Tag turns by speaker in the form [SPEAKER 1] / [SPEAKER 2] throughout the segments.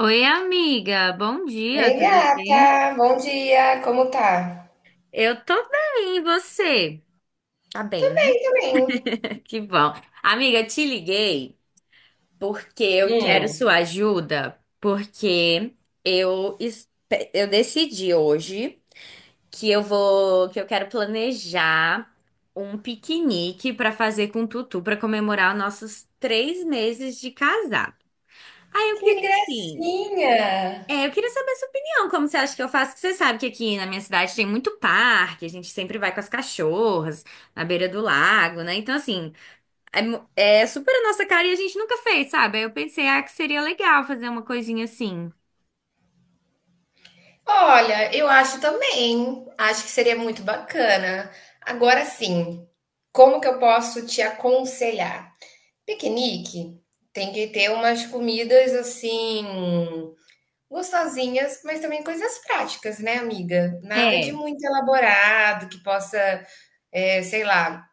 [SPEAKER 1] Oi, amiga, bom
[SPEAKER 2] Oi,
[SPEAKER 1] dia, tudo bem?
[SPEAKER 2] gata! Bom dia! Como tá?
[SPEAKER 1] Eu tô bem, e você? Tá
[SPEAKER 2] Tô
[SPEAKER 1] bem, né?
[SPEAKER 2] bem, tô bem.
[SPEAKER 1] Que bom. Amiga, te liguei porque eu quero
[SPEAKER 2] Hum,
[SPEAKER 1] sua ajuda, porque eu, es- eu decidi hoje que eu quero planejar um piquenique pra fazer com o Tutu pra comemorar os nossos 3 meses de casado. Aí eu
[SPEAKER 2] que
[SPEAKER 1] queria assim.
[SPEAKER 2] gracinha!
[SPEAKER 1] É, eu queria saber a sua opinião, como você acha que eu faço? Que você sabe que aqui na minha cidade tem muito parque, a gente sempre vai com as cachorras na beira do lago, né? Então, assim, é super a nossa cara e a gente nunca fez, sabe? Aí eu pensei, ah, que seria legal fazer uma coisinha assim.
[SPEAKER 2] Olha, eu acho também. Acho que seria muito bacana. Agora sim, como que eu posso te aconselhar? Piquenique tem que ter umas comidas assim, gostosinhas, mas também coisas práticas, né, amiga? Nada de
[SPEAKER 1] É.
[SPEAKER 2] muito elaborado que possa, sei lá.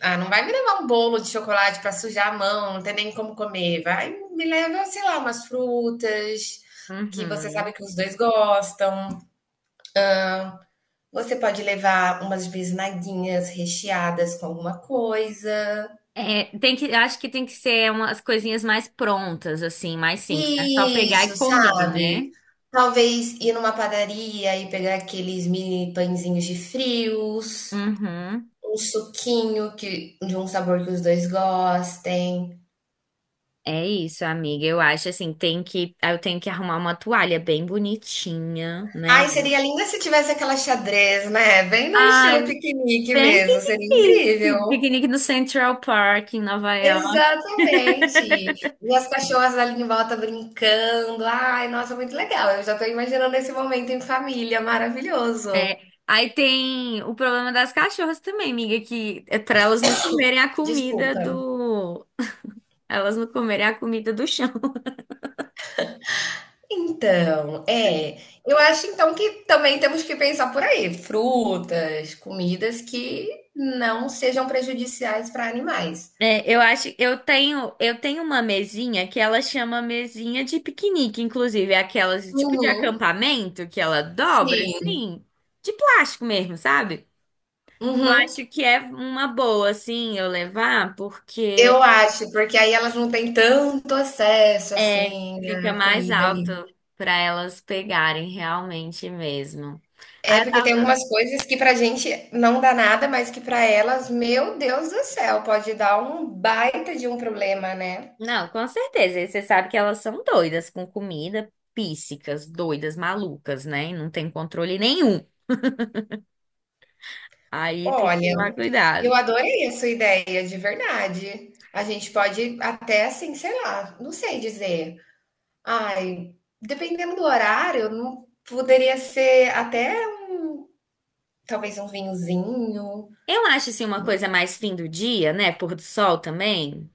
[SPEAKER 2] Ah, não vai me levar um bolo de chocolate para sujar a mão, não tem nem como comer. Vai, me leva, sei lá, umas frutas que você sabe
[SPEAKER 1] Uhum.
[SPEAKER 2] que os dois gostam. Você pode levar umas bisnaguinhas recheadas com alguma coisa.
[SPEAKER 1] É, eu acho que tem que ser umas coisinhas mais prontas, assim, mais simples, né? Só pegar e
[SPEAKER 2] Isso,
[SPEAKER 1] comer,
[SPEAKER 2] sabe?
[SPEAKER 1] né?
[SPEAKER 2] Talvez ir numa padaria e pegar aqueles mini pãezinhos de frios,
[SPEAKER 1] Uhum.
[SPEAKER 2] um suquinho que, de um sabor que os dois gostem.
[SPEAKER 1] É isso, amiga. Eu acho assim, eu tenho que arrumar uma toalha bem bonitinha, né?
[SPEAKER 2] Ai, seria lindo se tivesse aquela xadrez, né, bem no estilo
[SPEAKER 1] Ai,
[SPEAKER 2] piquenique
[SPEAKER 1] bem
[SPEAKER 2] mesmo, seria incrível.
[SPEAKER 1] piquenique. Piquenique no Central Park, em Nova York.
[SPEAKER 2] Exatamente. E as cachorras ali em volta brincando. Ai, nossa, muito legal. Eu já tô imaginando esse momento em família, maravilhoso.
[SPEAKER 1] É. Aí tem o problema das cachorras também, amiga, que é pra elas não comerem a comida
[SPEAKER 2] Desculpa.
[SPEAKER 1] do. Elas não comerem a comida do chão.
[SPEAKER 2] Então, eu acho então que também temos que pensar por aí, frutas, comidas que não sejam prejudiciais para animais.
[SPEAKER 1] É, eu tenho uma mesinha que ela chama mesinha de piquenique, inclusive, é aquelas tipo de
[SPEAKER 2] Uhum,
[SPEAKER 1] acampamento que ela dobra
[SPEAKER 2] sim.
[SPEAKER 1] assim, de plástico mesmo, sabe? Eu
[SPEAKER 2] Uhum.
[SPEAKER 1] acho que é uma boa assim eu levar, porque
[SPEAKER 2] Eu acho, porque aí elas não têm tanto acesso,
[SPEAKER 1] é,
[SPEAKER 2] assim,
[SPEAKER 1] fica
[SPEAKER 2] à
[SPEAKER 1] mais
[SPEAKER 2] comida ali.
[SPEAKER 1] alto para elas pegarem realmente mesmo.
[SPEAKER 2] É
[SPEAKER 1] Aí eu
[SPEAKER 2] porque tem
[SPEAKER 1] tava,
[SPEAKER 2] algumas coisas que pra gente não dá nada, mas que pra elas, meu Deus do céu, pode dar um baita de um problema, né.
[SPEAKER 1] não, com certeza, e você sabe que elas são doidas com comida, píssicas, doidas, malucas, né? E não tem controle nenhum. Aí tem que
[SPEAKER 2] Olha,
[SPEAKER 1] tomar
[SPEAKER 2] eu
[SPEAKER 1] cuidado.
[SPEAKER 2] adorei a sua ideia, de verdade. A gente pode até, assim, sei lá, não sei dizer. Ai, dependendo do horário, não poderia ser até talvez um vinhozinho.
[SPEAKER 1] Eu acho assim uma coisa mais fim do dia, né? Pôr do sol também.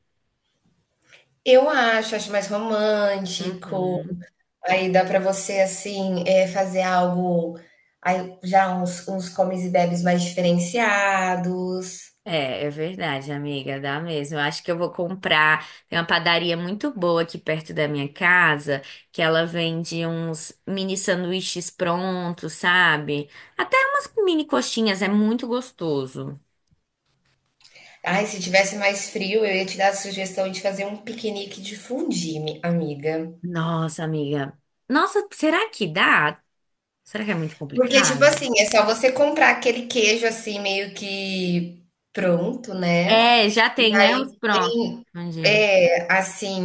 [SPEAKER 2] Eu acho, acho mais romântico.
[SPEAKER 1] Uhum.
[SPEAKER 2] Aí dá para você, assim, fazer algo aí já uns comes e bebes mais diferenciados.
[SPEAKER 1] É, é verdade, amiga, dá mesmo. Eu acho que eu vou comprar. Tem uma padaria muito boa aqui perto da minha casa, que ela vende uns mini sanduíches prontos, sabe? Até umas mini coxinhas, é muito gostoso.
[SPEAKER 2] Ai, se tivesse mais frio, eu ia te dar a sugestão de fazer um piquenique de fondue, mi amiga.
[SPEAKER 1] Nossa, amiga. Nossa, será que dá? Será que é muito
[SPEAKER 2] Porque, tipo
[SPEAKER 1] complicado?
[SPEAKER 2] assim, é só você comprar aquele queijo, assim, meio que pronto, né,
[SPEAKER 1] É, já
[SPEAKER 2] e
[SPEAKER 1] tem, né? Os
[SPEAKER 2] aí
[SPEAKER 1] prontos.
[SPEAKER 2] tem
[SPEAKER 1] Onde?
[SPEAKER 2] É, assim,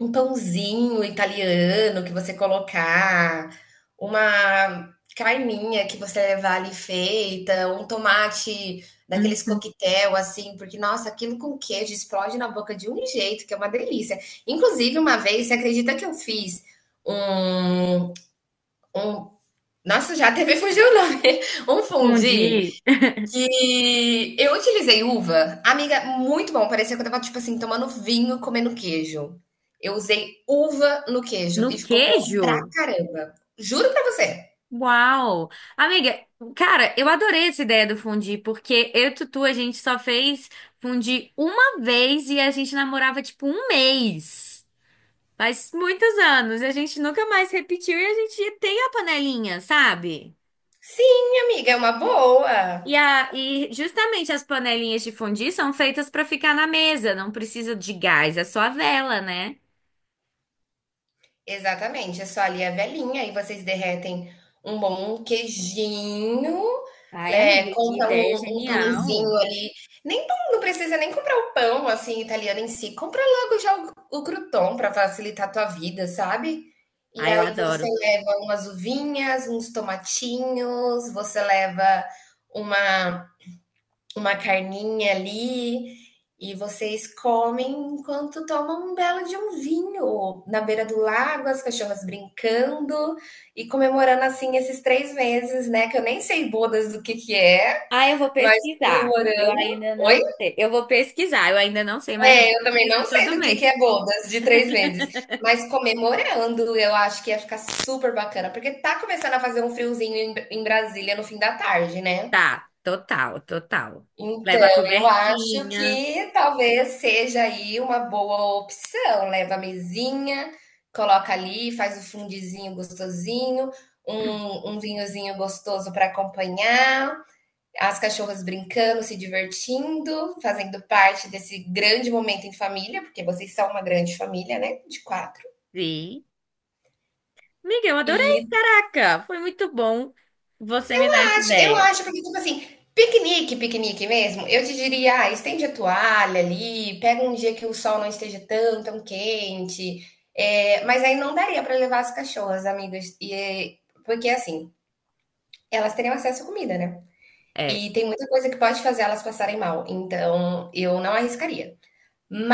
[SPEAKER 2] um pãozinho italiano que você colocar, uma carninha que você levar ali feita, um tomate
[SPEAKER 1] Hum.
[SPEAKER 2] daqueles coquetel, assim, porque, nossa, aquilo com queijo explode na boca de um jeito, que é uma delícia. Inclusive, uma vez, você acredita que eu fiz um um nossa, já até me fugiu o nome, um fundi
[SPEAKER 1] Escondi.
[SPEAKER 2] que eu utilizei uva, amiga, muito bom, parecia que eu estava, tipo assim, tomando vinho, comendo queijo. Eu usei uva no queijo
[SPEAKER 1] No
[SPEAKER 2] e ficou bom
[SPEAKER 1] queijo?
[SPEAKER 2] pra caramba. Juro pra você.
[SPEAKER 1] Uau! Amiga, cara, eu adorei essa ideia do fundir, porque eu e Tutu, a gente só fez fundir uma vez e a gente namorava tipo um mês. Faz muitos anos, e a gente nunca mais repetiu e a gente tem a panelinha, sabe?
[SPEAKER 2] Sim, amiga, é uma boa.
[SPEAKER 1] E justamente as panelinhas de fundir são feitas pra ficar na mesa, não precisa de gás, é só a vela, né?
[SPEAKER 2] Exatamente, é só ali a velhinha, aí vocês derretem um bom queijinho,
[SPEAKER 1] Ai,
[SPEAKER 2] né,
[SPEAKER 1] amiga, que
[SPEAKER 2] compra
[SPEAKER 1] ideia
[SPEAKER 2] um pãozinho
[SPEAKER 1] genial!
[SPEAKER 2] ali, nem pão, não precisa nem comprar o pão, assim, italiano em si, compra logo já o croûton pra facilitar a tua vida, sabe. E
[SPEAKER 1] Ai, eu
[SPEAKER 2] aí você
[SPEAKER 1] adoro.
[SPEAKER 2] leva umas uvinhas, uns tomatinhos, você leva uma uma carninha ali e vocês comem enquanto tomam um belo de um vinho na beira do lago, as cachorras brincando e comemorando assim esses 3 meses, né? Que eu nem sei bodas do que é,
[SPEAKER 1] Ah, eu vou
[SPEAKER 2] mas
[SPEAKER 1] pesquisar. Eu
[SPEAKER 2] comemorando.
[SPEAKER 1] ainda
[SPEAKER 2] Oi?
[SPEAKER 1] não sei. Eu vou pesquisar, eu ainda não sei, mas eu
[SPEAKER 2] É, eu também
[SPEAKER 1] pesquiso
[SPEAKER 2] não sei
[SPEAKER 1] todo
[SPEAKER 2] do que
[SPEAKER 1] mês.
[SPEAKER 2] é bodas de 3 meses, mas comemorando, eu acho que ia ficar super bacana, porque tá começando a fazer um friozinho em Brasília no fim da tarde, né?
[SPEAKER 1] Tá, total, total.
[SPEAKER 2] Então,
[SPEAKER 1] Leva a
[SPEAKER 2] eu acho
[SPEAKER 1] cobertinha.
[SPEAKER 2] que talvez seja aí uma boa opção. Leva a mesinha, coloca ali, faz o fundizinho gostosinho, um vinhozinho gostoso para acompanhar, as cachorras brincando, se divertindo, fazendo parte desse grande momento em família, porque vocês são uma grande família, né? De quatro.
[SPEAKER 1] Sim. Amiga, eu adorei.
[SPEAKER 2] E
[SPEAKER 1] Caraca, foi muito bom você me dar essa
[SPEAKER 2] Eu
[SPEAKER 1] ideia.
[SPEAKER 2] acho, porque, tipo assim, piquenique, piquenique mesmo, eu te diria, ah, estende a toalha ali, pega um dia que o sol não esteja tão, tão quente. É, mas aí não daria para levar as cachorras, amigas, e, porque assim, elas teriam acesso à comida, né?
[SPEAKER 1] É,
[SPEAKER 2] E tem muita coisa que pode fazer elas passarem mal, então eu não arriscaria.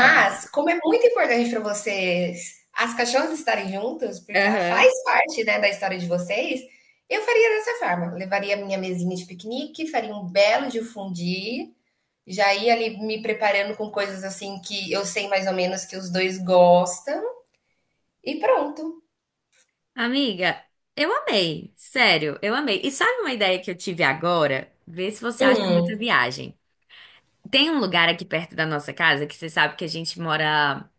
[SPEAKER 1] é verdade.
[SPEAKER 2] como é muito importante para vocês as cachorras estarem juntas, porque ela faz
[SPEAKER 1] Aham.
[SPEAKER 2] parte, né, da história de vocês, eu faria dessa forma. Levaria minha mesinha de piquenique, faria um belo de um fondue, já ia ali me preparando com coisas assim que eu sei mais ou menos que os dois gostam e pronto.
[SPEAKER 1] Amiga, eu amei. Sério, eu amei. E sabe uma ideia que eu tive agora? Vê se você acha
[SPEAKER 2] Hum,
[SPEAKER 1] muita viagem. Tem um lugar aqui perto da nossa casa que você sabe que a gente mora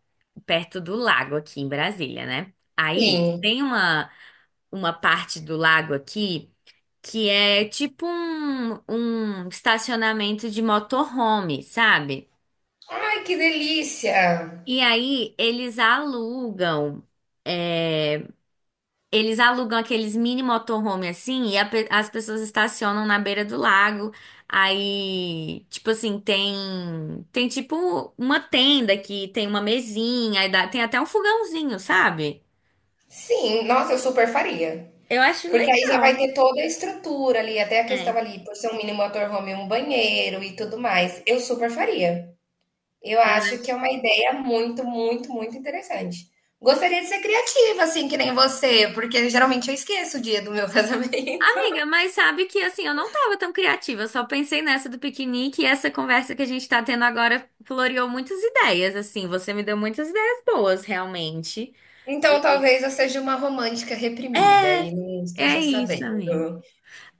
[SPEAKER 1] perto do lago aqui em Brasília, né? Aí
[SPEAKER 2] sim.
[SPEAKER 1] uma parte do lago aqui que é tipo um estacionamento de motorhome, sabe?
[SPEAKER 2] Ai, que delícia!
[SPEAKER 1] E aí eles alugam eh, eles alugam aqueles mini motorhome assim e as pessoas estacionam na beira do lago. Aí, tipo assim, tem tipo uma tenda que tem uma mesinha, tem até um fogãozinho, sabe?
[SPEAKER 2] Sim, nossa, eu super faria.
[SPEAKER 1] Eu acho
[SPEAKER 2] Porque aí já vai
[SPEAKER 1] legal.
[SPEAKER 2] ter toda a estrutura ali, até a
[SPEAKER 1] É,
[SPEAKER 2] questão ali, por ser um mini motorhome, um banheiro e tudo mais. Eu super faria. Eu
[SPEAKER 1] eu
[SPEAKER 2] acho que é
[SPEAKER 1] acho.
[SPEAKER 2] uma ideia muito, muito, muito interessante. Gostaria de ser criativa, assim, que nem você, porque geralmente eu esqueço o dia do meu casamento.
[SPEAKER 1] Amiga, mas sabe que assim, eu não tava tão criativa, eu só pensei nessa do piquenique e essa conversa que a gente tá tendo agora floreou muitas ideias, assim, você me deu muitas ideias boas, realmente.
[SPEAKER 2] Então talvez eu seja uma romântica reprimida
[SPEAKER 1] É,
[SPEAKER 2] e não
[SPEAKER 1] é
[SPEAKER 2] esteja
[SPEAKER 1] isso,
[SPEAKER 2] sabendo.
[SPEAKER 1] amiga.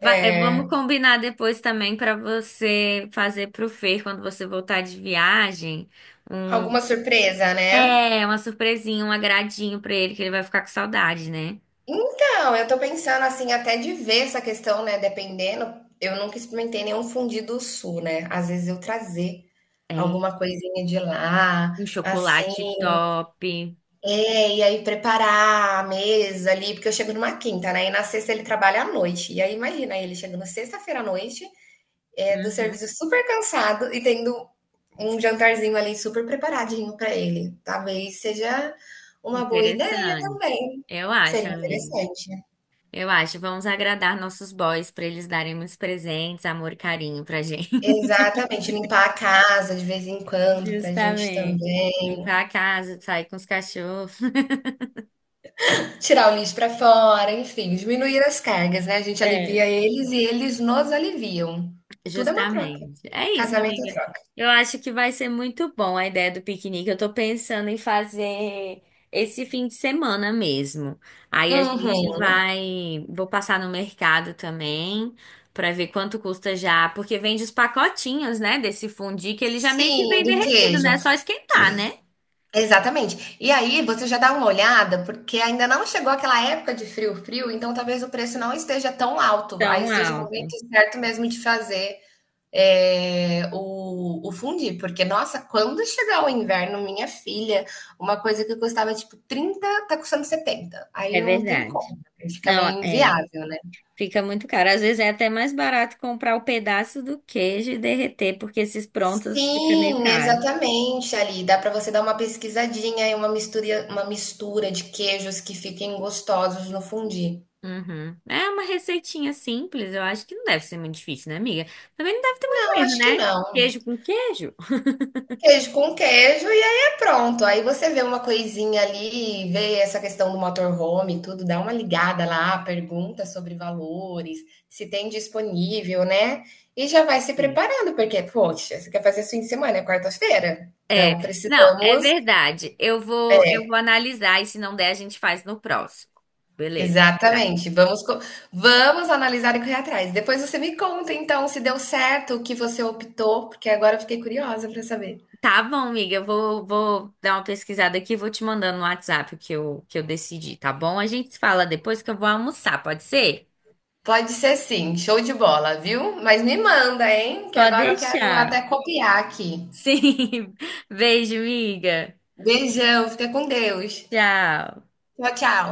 [SPEAKER 1] Vamos combinar depois também para você fazer pro Fer quando você voltar de viagem, um
[SPEAKER 2] Alguma surpresa, né?
[SPEAKER 1] é uma surpresinha, um agradinho para ele que ele vai ficar com saudade, né?
[SPEAKER 2] Então, eu tô pensando assim, até de ver essa questão, né? Dependendo, eu nunca experimentei nenhum fundido sul, né? Às vezes eu trazer
[SPEAKER 1] É,
[SPEAKER 2] alguma coisinha de lá,
[SPEAKER 1] um
[SPEAKER 2] assim,
[SPEAKER 1] chocolate top.
[SPEAKER 2] e aí preparar a mesa ali, porque eu chego numa quinta, né? E na sexta ele trabalha à noite. E aí imagina, ele chegando sexta-feira à noite, do
[SPEAKER 1] Uhum.
[SPEAKER 2] serviço super cansado e tendo um jantarzinho ali super preparadinho pra ele. Talvez seja uma boa ideia
[SPEAKER 1] Interessante.
[SPEAKER 2] também.
[SPEAKER 1] Eu acho,
[SPEAKER 2] Seria
[SPEAKER 1] amigo.
[SPEAKER 2] interessante.
[SPEAKER 1] Eu acho. Vamos agradar nossos boys para eles darem uns presentes, amor e carinho pra gente.
[SPEAKER 2] Exatamente, limpar a casa de vez em quando pra gente
[SPEAKER 1] Justamente.
[SPEAKER 2] também,
[SPEAKER 1] Limpar a casa, sair com os cachorros.
[SPEAKER 2] tirar o lixo pra fora, enfim, diminuir as cargas, né, a gente alivia
[SPEAKER 1] É.
[SPEAKER 2] eles e eles nos aliviam. Tudo é uma troca.
[SPEAKER 1] Justamente. É isso,
[SPEAKER 2] Casamento é
[SPEAKER 1] amiga.
[SPEAKER 2] troca.
[SPEAKER 1] Eu acho que vai ser muito bom a ideia do piquenique. Eu tô pensando em fazer esse fim de semana mesmo. Aí a gente
[SPEAKER 2] Uhum.
[SPEAKER 1] vai, vou passar no mercado também pra ver quanto custa já, porque vende os pacotinhos, né, desse fundi que ele já meio que
[SPEAKER 2] Sim,
[SPEAKER 1] vem
[SPEAKER 2] do
[SPEAKER 1] derretido,
[SPEAKER 2] queijo.
[SPEAKER 1] né? É só esquentar, né?
[SPEAKER 2] Exatamente. E aí você já dá uma olhada, porque ainda não chegou aquela época de frio, frio, então talvez o preço não esteja tão alto, aí
[SPEAKER 1] Tão
[SPEAKER 2] seja o momento
[SPEAKER 1] alto.
[SPEAKER 2] certo mesmo de fazer o fundi, porque, nossa, quando chegar o inverno, minha filha, uma coisa que custava tipo 30 tá custando 70. Aí
[SPEAKER 1] É
[SPEAKER 2] não tem
[SPEAKER 1] verdade.
[SPEAKER 2] como, fica
[SPEAKER 1] Não,
[SPEAKER 2] meio
[SPEAKER 1] é.
[SPEAKER 2] inviável, né?
[SPEAKER 1] Fica muito caro. Às vezes é até mais barato comprar o pedaço do queijo e derreter, porque esses prontos fica meio
[SPEAKER 2] Sim,
[SPEAKER 1] caro.
[SPEAKER 2] exatamente, ali. Dá para você dar uma pesquisadinha e uma mistura de queijos que fiquem gostosos no fundi.
[SPEAKER 1] Uhum. É uma receitinha simples, eu acho que não deve ser muito difícil, né, amiga? Também não deve ter muito
[SPEAKER 2] Não,
[SPEAKER 1] erro,
[SPEAKER 2] acho que
[SPEAKER 1] né?
[SPEAKER 2] não.
[SPEAKER 1] Queijo com queijo.
[SPEAKER 2] Queijo com queijo, e aí é pronto. Aí você vê uma coisinha ali, vê essa questão do motorhome, e tudo, dá uma ligada lá, pergunta sobre valores, se tem disponível, né? E já vai se
[SPEAKER 1] Sim.
[SPEAKER 2] preparando, porque, poxa, você quer fazer esse fim de semana, é quarta-feira.
[SPEAKER 1] É,
[SPEAKER 2] Então
[SPEAKER 1] não, é
[SPEAKER 2] precisamos.
[SPEAKER 1] verdade. Eu vou analisar e se não der, a gente faz no próximo. Beleza. Tá,
[SPEAKER 2] Exatamente. Vamos, vamos analisar e correr atrás. Depois você me conta, então, se deu certo o que você optou, porque agora eu fiquei curiosa para saber.
[SPEAKER 1] tá bom, amiga. Vou dar uma pesquisada aqui e vou te mandando no WhatsApp que eu decidi, tá bom? A gente se fala depois que eu vou almoçar, pode ser?
[SPEAKER 2] Pode ser sim, show de bola, viu? Mas me manda, hein? Que
[SPEAKER 1] Pode
[SPEAKER 2] agora eu quero até
[SPEAKER 1] deixar.
[SPEAKER 2] copiar aqui.
[SPEAKER 1] Sim. Beijo, miga.
[SPEAKER 2] Beijão, fica com Deus.
[SPEAKER 1] Tchau.
[SPEAKER 2] Tchau, tchau.